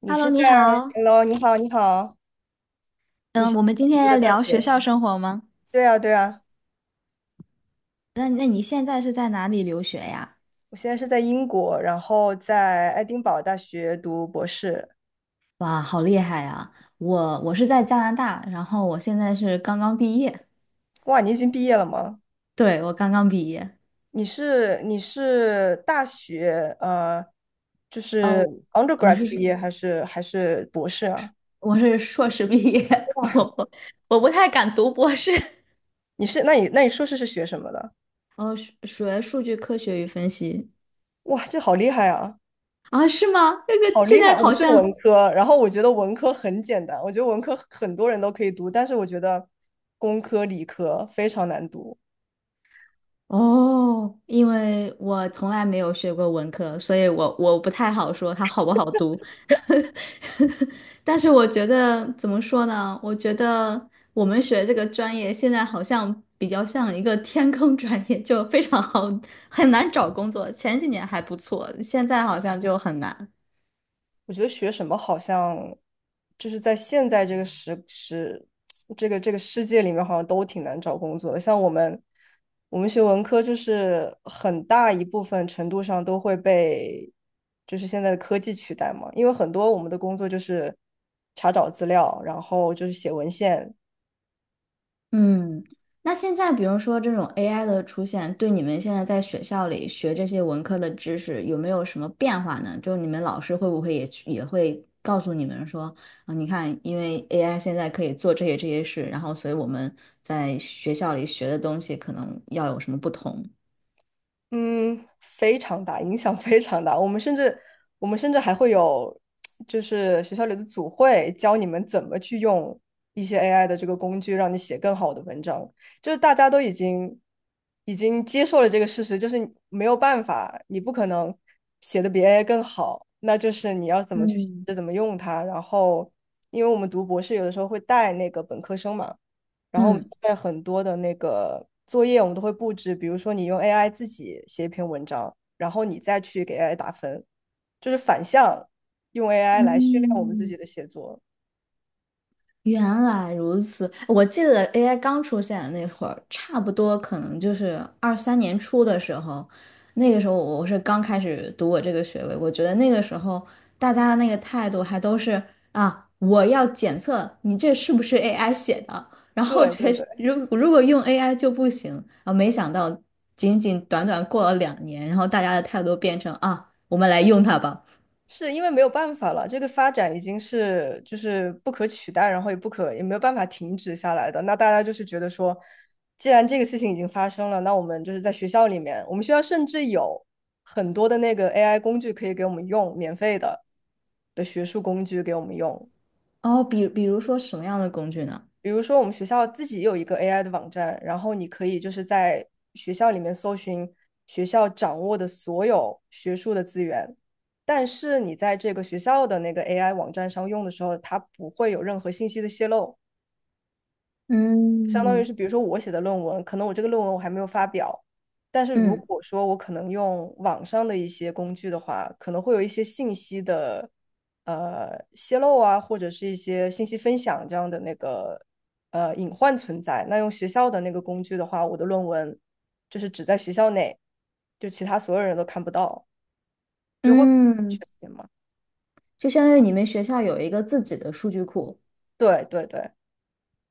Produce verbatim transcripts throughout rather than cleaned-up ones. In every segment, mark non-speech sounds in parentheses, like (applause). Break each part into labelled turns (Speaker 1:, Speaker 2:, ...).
Speaker 1: 你
Speaker 2: Hello，
Speaker 1: 是在
Speaker 2: 你好。
Speaker 1: Hello，你好，你好，你
Speaker 2: 嗯，
Speaker 1: 是在
Speaker 2: 我们今天
Speaker 1: 读
Speaker 2: 要
Speaker 1: 的大
Speaker 2: 聊
Speaker 1: 学
Speaker 2: 学校
Speaker 1: 呀？
Speaker 2: 生活吗？
Speaker 1: 对啊，对啊，
Speaker 2: 那那你现在是在哪里留学呀？
Speaker 1: 我现在是在英国，然后在爱丁堡大学读博士。
Speaker 2: 哇，好厉害呀！我我是在加拿大，然后我现在是刚刚毕业。
Speaker 1: 哇，你已经毕业了吗？
Speaker 2: 对，我刚刚毕业。
Speaker 1: 你是你是大学呃，就是
Speaker 2: 哦，你
Speaker 1: undergrad
Speaker 2: 是
Speaker 1: 毕
Speaker 2: 说
Speaker 1: 业还是还是博士啊？
Speaker 2: 我是硕士毕业？(laughs) 我不我不太敢读博士。
Speaker 1: 你是那你那你硕士是学什么的？
Speaker 2: 哦，学学数据科学与分析。
Speaker 1: 哇，这好厉害啊！
Speaker 2: 啊，是吗？那个
Speaker 1: 好
Speaker 2: 现
Speaker 1: 厉害！
Speaker 2: 在
Speaker 1: 我
Speaker 2: 好
Speaker 1: 是
Speaker 2: 像。
Speaker 1: 文科，然后我觉得文科很简单，我觉得文科很多人都可以读，但是我觉得工科、理科非常难读。
Speaker 2: 哦，因为我从来没有学过文科，所以我我不太好说它好不好读。(laughs) 但是我觉得怎么说呢？我觉得我们学这个专业现在好像比较像一个天坑专业，就非常好，很难找工作。前几年还不错，现在好像就很难。
Speaker 1: 我觉得学什么好像就是在现在这个时时这个这个世界里面，好像都挺难找工作的。像我们我们学文科，就是很大一部分程度上都会被就是现在的科技取代嘛，因为很多我们的工作就是查找资料，然后就是写文献，
Speaker 2: 嗯，那现在比如说这种 A I 的出现，对你们现在在学校里学这些文科的知识有没有什么变化呢？就你们老师会不会也去也会告诉你们说，啊，你看，因为 A I 现在可以做这些这些事，然后所以我们在学校里学的东西可能要有什么不同？
Speaker 1: 嗯，非常大，影响非常大。我们甚至我们甚至还会有，就是学校里的组会教你们怎么去用一些 A I 的这个工具，让你写更好的文章。就是大家都已经已经接受了这个事实，就是你没有办法，你不可能写的比 A I 更好，那就是你要怎么去
Speaker 2: 嗯
Speaker 1: 学，怎么用它。然后，因为我们读博士有的时候会带那个本科生嘛。然后我们
Speaker 2: 嗯。
Speaker 1: 现在很多的那个作业，我们都会布置，比如说你用 A I 自己写一篇文章，然后你再去给 A I 打分，就是反向用 A I 来训练我们自
Speaker 2: 嗯。
Speaker 1: 己的写作。
Speaker 2: 原来如此，我记得 A I 刚出现的那会儿，差不多可能就是二三年初的时候，那个时候我是刚开始读我这个学位，我觉得那个时候大家的那个态度还都是啊，我要检测你这是不是 A I 写的，然后
Speaker 1: 对对
Speaker 2: 觉得
Speaker 1: 对。
Speaker 2: 如如果用 A I 就不行啊，没想到仅仅短短过了两年，然后大家的态度变成啊，我们来用它吧。
Speaker 1: 是因为没有办法了，这个发展已经是就是不可取代，然后也不可也没有办法停止下来的。那大家就是觉得说，既然这个事情已经发生了，那我们就是在学校里面，我们学校甚至有很多的那个 A I 工具可以给我们用，免费的的学术工具给我们用。
Speaker 2: 哦，比比如说什么样的工具呢？
Speaker 1: 比如说我们学校自己有一个 A I 的网站，然后你可以就是在学校里面搜寻学校掌握的所有学术的资源，但是你在这个学校的那个 A I 网站上用的时候，它不会有任何信息的泄露。相当于
Speaker 2: 嗯，
Speaker 1: 是，比如说我写的论文，可能我这个论文我还没有发表，但是如
Speaker 2: 嗯。
Speaker 1: 果说我可能用网上的一些工具的话，可能会有一些信息的呃泄露啊，或者是一些信息分享这样的那个呃隐患存在。那用学校的那个工具的话，我的论文就是只在学校内，就其他所有人都看不到，就会全
Speaker 2: 嗯，
Speaker 1: 点嘛。
Speaker 2: 就相当于你们学校有一个自己的数据库。
Speaker 1: 对对对，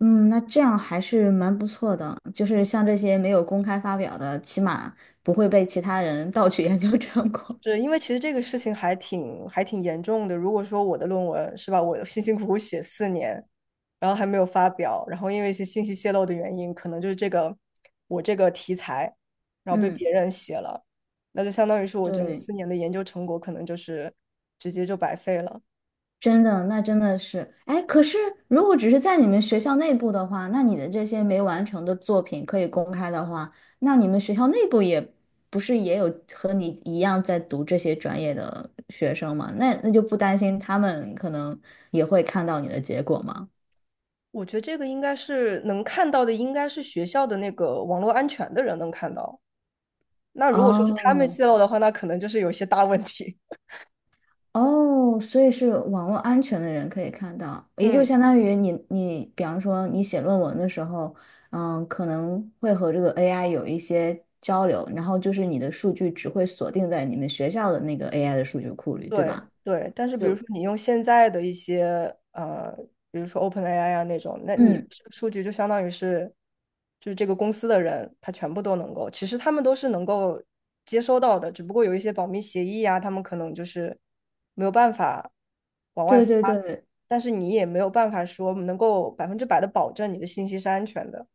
Speaker 2: 嗯，那这样还是蛮不错的，就是像这些没有公开发表的，起码不会被其他人盗取研究成果。
Speaker 1: 是因为其实这个事情还挺还挺严重的。如果说我的论文是吧，我辛辛苦苦写四年，然后还没有发表，然后因为一些信息泄露的原因，可能就是这个我这个题材，
Speaker 2: (laughs)
Speaker 1: 然后被
Speaker 2: 嗯，
Speaker 1: 别人写了，那就相当于是我整个
Speaker 2: 对。
Speaker 1: 四年的研究成果可能就是直接就白费了。
Speaker 2: 真的，那真的是，哎，可是如果只是在你们学校内部的话，那你的这些没完成的作品可以公开的话，那你们学校内部也不是也有和你一样在读这些专业的学生吗？那那就不担心他们可能也会看到你的结果吗？
Speaker 1: 我觉得这个应该是能看到的，应该是学校的那个网络安全的人能看到。那如果说是他们
Speaker 2: 哦，
Speaker 1: 泄露的话，那可能就是有些大问题。
Speaker 2: 哦，所以是网络安全的人可以看到，
Speaker 1: (laughs)
Speaker 2: 也就
Speaker 1: 嗯。
Speaker 2: 相当于你你，比方说你写论文的时候，嗯，可能会和这个 A I 有一些交流，然后就是你的数据只会锁定在你们学校的那个 A I 的数据库里，对
Speaker 1: 对
Speaker 2: 吧？
Speaker 1: 对，但是比如
Speaker 2: 就
Speaker 1: 说你用现在的一些呃，比如说 OpenAI 啊那种，那你
Speaker 2: 嗯，
Speaker 1: 这个数据就相当于是，就是这个公司的人，他全部都能够，其实他们都是能够接收到的，只不过有一些保密协议啊，他们可能就是没有办法往外
Speaker 2: 对
Speaker 1: 发，
Speaker 2: 对对，
Speaker 1: 但是你也没有办法说能够百分之百的保证你的信息是安全的。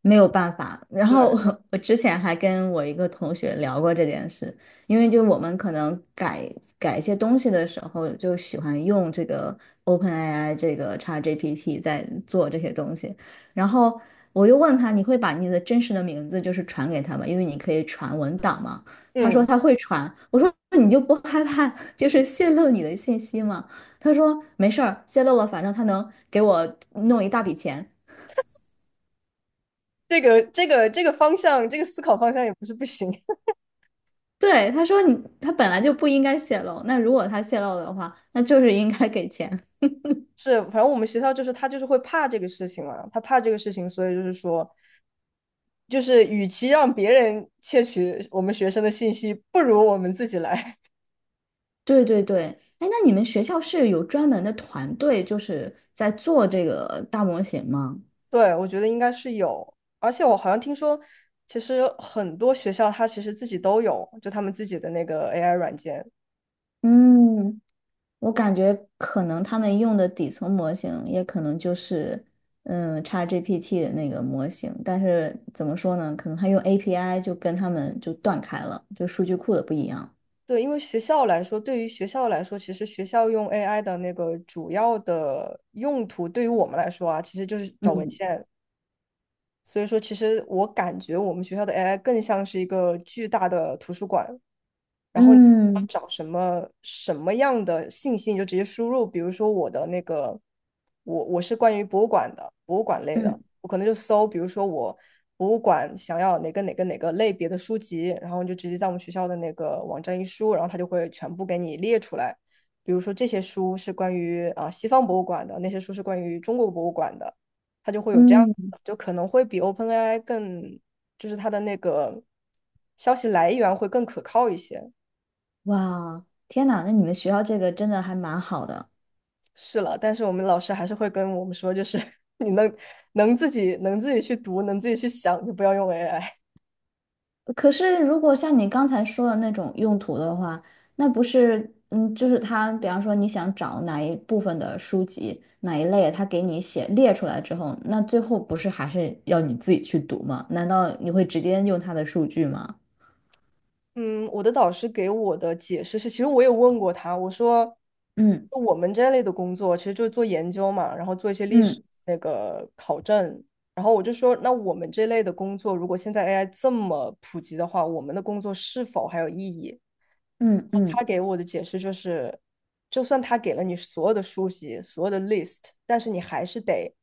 Speaker 2: 没有办法。然后
Speaker 1: 对，
Speaker 2: 我我之前还跟我一个同学聊过这件事，因为就我们可能改改一些东西的时候，就喜欢用这个 OpenAI 这个 ChatGPT 在做这些东西。然后我又问他，你会把你的真实的名字就是传给他吗？因为你可以传文档嘛。他说
Speaker 1: 嗯，
Speaker 2: 他会传，我说那你就不害怕就是泄露你的信息吗？他说没事儿，泄露了，反正他能给我弄一大笔钱。
Speaker 1: 这个这个这个方向，这个思考方向也不是不行。
Speaker 2: 对，他说你他本来就不应该泄露，那如果他泄露的话，那就是应该给钱。(laughs)
Speaker 1: 是，反正我们学校就是他就是会怕这个事情嘛，他怕这个事情，所以就是说，就是与其让别人窃取我们学生的信息，不如我们自己来。
Speaker 2: 对对对，哎，那你们学校是有专门的团队，就是在做这个大模型吗？
Speaker 1: (laughs) 对，我觉得应该是有，而且我好像听说，其实很多学校它其实自己都有，就他们自己的那个 A I 软件。
Speaker 2: 嗯，我感觉可能他们用的底层模型，也可能就是嗯 ChatGPT 的那个模型，但是怎么说呢？可能他用 A P I 就跟他们就断开了，就数据库的不一样。
Speaker 1: 对，因为学校来说，对于学校来说，其实学校用 A I 的那个主要的用途，对于我们来说啊，其实就是找文
Speaker 2: 嗯
Speaker 1: 献。所以说，其实我感觉我们学校的 A I 更像是一个巨大的图书馆，然后你要
Speaker 2: 嗯
Speaker 1: 找什么什么样的信息，你就直接输入。比如说我的那个，我我是关于博物馆的，博物馆类的，
Speaker 2: 嗯
Speaker 1: 我可能就搜，比如说我博物馆想要哪个哪个哪个类别的书籍，然后你就直接在我们学校的那个网站一输，然后它就会全部给你列出来。比如说这些书是关于啊、西方博物馆的，那些书是关于中国博物馆的，它就会有这样
Speaker 2: 嗯。
Speaker 1: 子的，就可能会比 OpenAI 更，就是它的那个消息来源会更可靠一些。
Speaker 2: 哇，天哪，那你们学校这个真的还蛮好的。
Speaker 1: 是了，但是我们老师还是会跟我们说，就是 (laughs) 你能能自己能自己去读，能自己去想，就不要用 A I。
Speaker 2: 可是，如果像你刚才说的那种用途的话，那不是，嗯，就是他，比方说你想找哪一部分的书籍，哪一类，他给你写列出来之后，那最后不是还是要你自己去读吗？难道你会直接用他的数据吗？
Speaker 1: 嗯，我的导师给我的解释是，其实我有问过他，我说，
Speaker 2: 嗯
Speaker 1: 我们这类的工作其实就是做研究嘛，然后做一些历史
Speaker 2: 嗯
Speaker 1: 那个考证，然后我就说，那我们这类的工作，如果现在 A I 这么普及的话，我们的工作是否还有意义？
Speaker 2: 嗯
Speaker 1: 他
Speaker 2: 嗯
Speaker 1: 给我的解释就是，就算他给了你所有的书籍、所有的 list，但是你还是得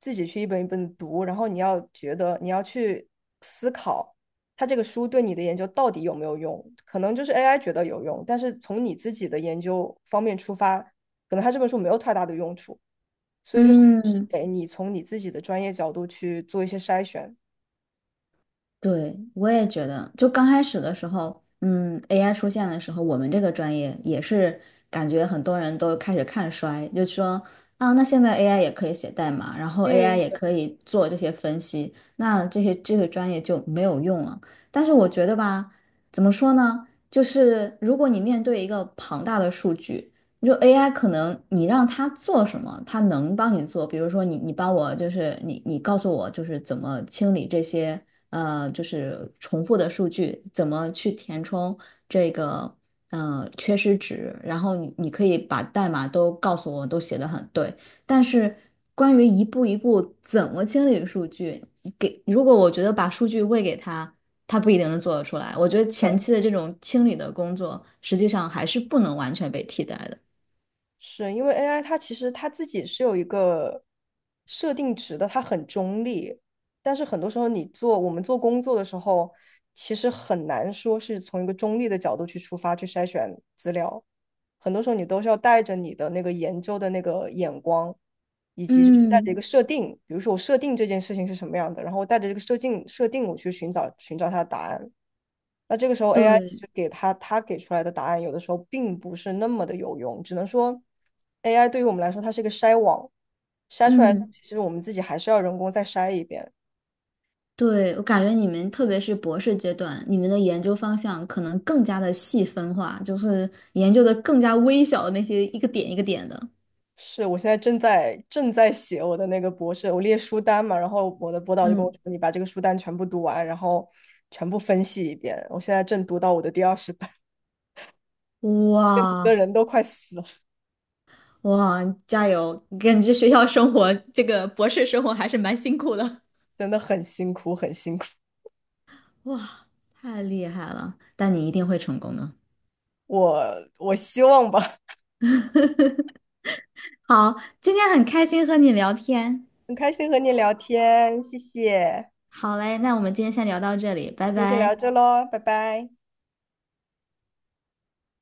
Speaker 1: 自己去一本一本地读，然后你要觉得你要去思考，它这个书对你的研究到底有没有用？可能就是 A I 觉得有用，但是从你自己的研究方面出发，可能它这本书没有太大的用处，所以就是还是
Speaker 2: 嗯。
Speaker 1: 得你从你自己的专业角度去做一些筛选。
Speaker 2: 对，我也觉得，就刚开始的时候，嗯，A I 出现的时候，我们这个专业也是感觉很多人都开始看衰，就说啊，那现在 A I 也可以写代码，然后 A I
Speaker 1: 嗯，
Speaker 2: 也可以做这些分析，那这些这个专业就没有用了。但是我觉得吧，怎么说呢？就是如果你面对一个庞大的数据，你说 A I 可能你让它做什么，它能帮你做。比如说你你帮我就是你你告诉我就是怎么清理这些。呃，就是重复的数据，怎么去填充这个呃缺失值，然后你你可以把代码都告诉我，都写得很对，但是关于一步一步怎么清理数据，给如果我觉得把数据喂给他，他不一定能做得出来。我觉得前
Speaker 1: 对，
Speaker 2: 期的这种清理的工作，实际上还是不能完全被替代的。
Speaker 1: 是因为 A I 它其实它自己是有一个设定值的，它很中立，但是很多时候你做我们做工作的时候，其实很难说是从一个中立的角度去出发去筛选资料，很多时候你都是要带着你的那个研究的那个眼光，以及就是带着一
Speaker 2: 嗯，
Speaker 1: 个设定，比如说我设定这件事情是什么样的，然后带着这个设定设定我去寻找寻找它的答案。那这个时候 A I 其
Speaker 2: 对，
Speaker 1: 实给他他给出来的答案，有的时候并不是那么的有用，只能说 A I 对于我们来说，它是一个筛网，筛出来的东
Speaker 2: 嗯。
Speaker 1: 西其实我们自己还是要人工再筛一遍。
Speaker 2: 对，我感觉你们特别是博士阶段，你们的研究方向可能更加的细分化，就是研究的更加微小的那些一个点一个点的。
Speaker 1: 是我现在正在正在写我的那个博士，我列书单嘛，然后我的博导就跟我
Speaker 2: 嗯，
Speaker 1: 说，你把这个书单全部读完，然后全部分析一遍。我现在正读到我的第二十版，(laughs) 读的
Speaker 2: 哇
Speaker 1: 人都快死了，
Speaker 2: 哇，加油！感觉学校生活这个博士生活还是蛮辛苦的。
Speaker 1: 真的很辛苦，很辛苦。
Speaker 2: 哇，太厉害了！但你一定会成功的。
Speaker 1: 我我希望吧，
Speaker 2: (laughs) 好，今天很开心和你聊天。
Speaker 1: 很开心和你聊天，谢谢。
Speaker 2: 好嘞，那我们今天先聊到这里，拜
Speaker 1: 先先聊
Speaker 2: 拜。
Speaker 1: 这喽，拜拜。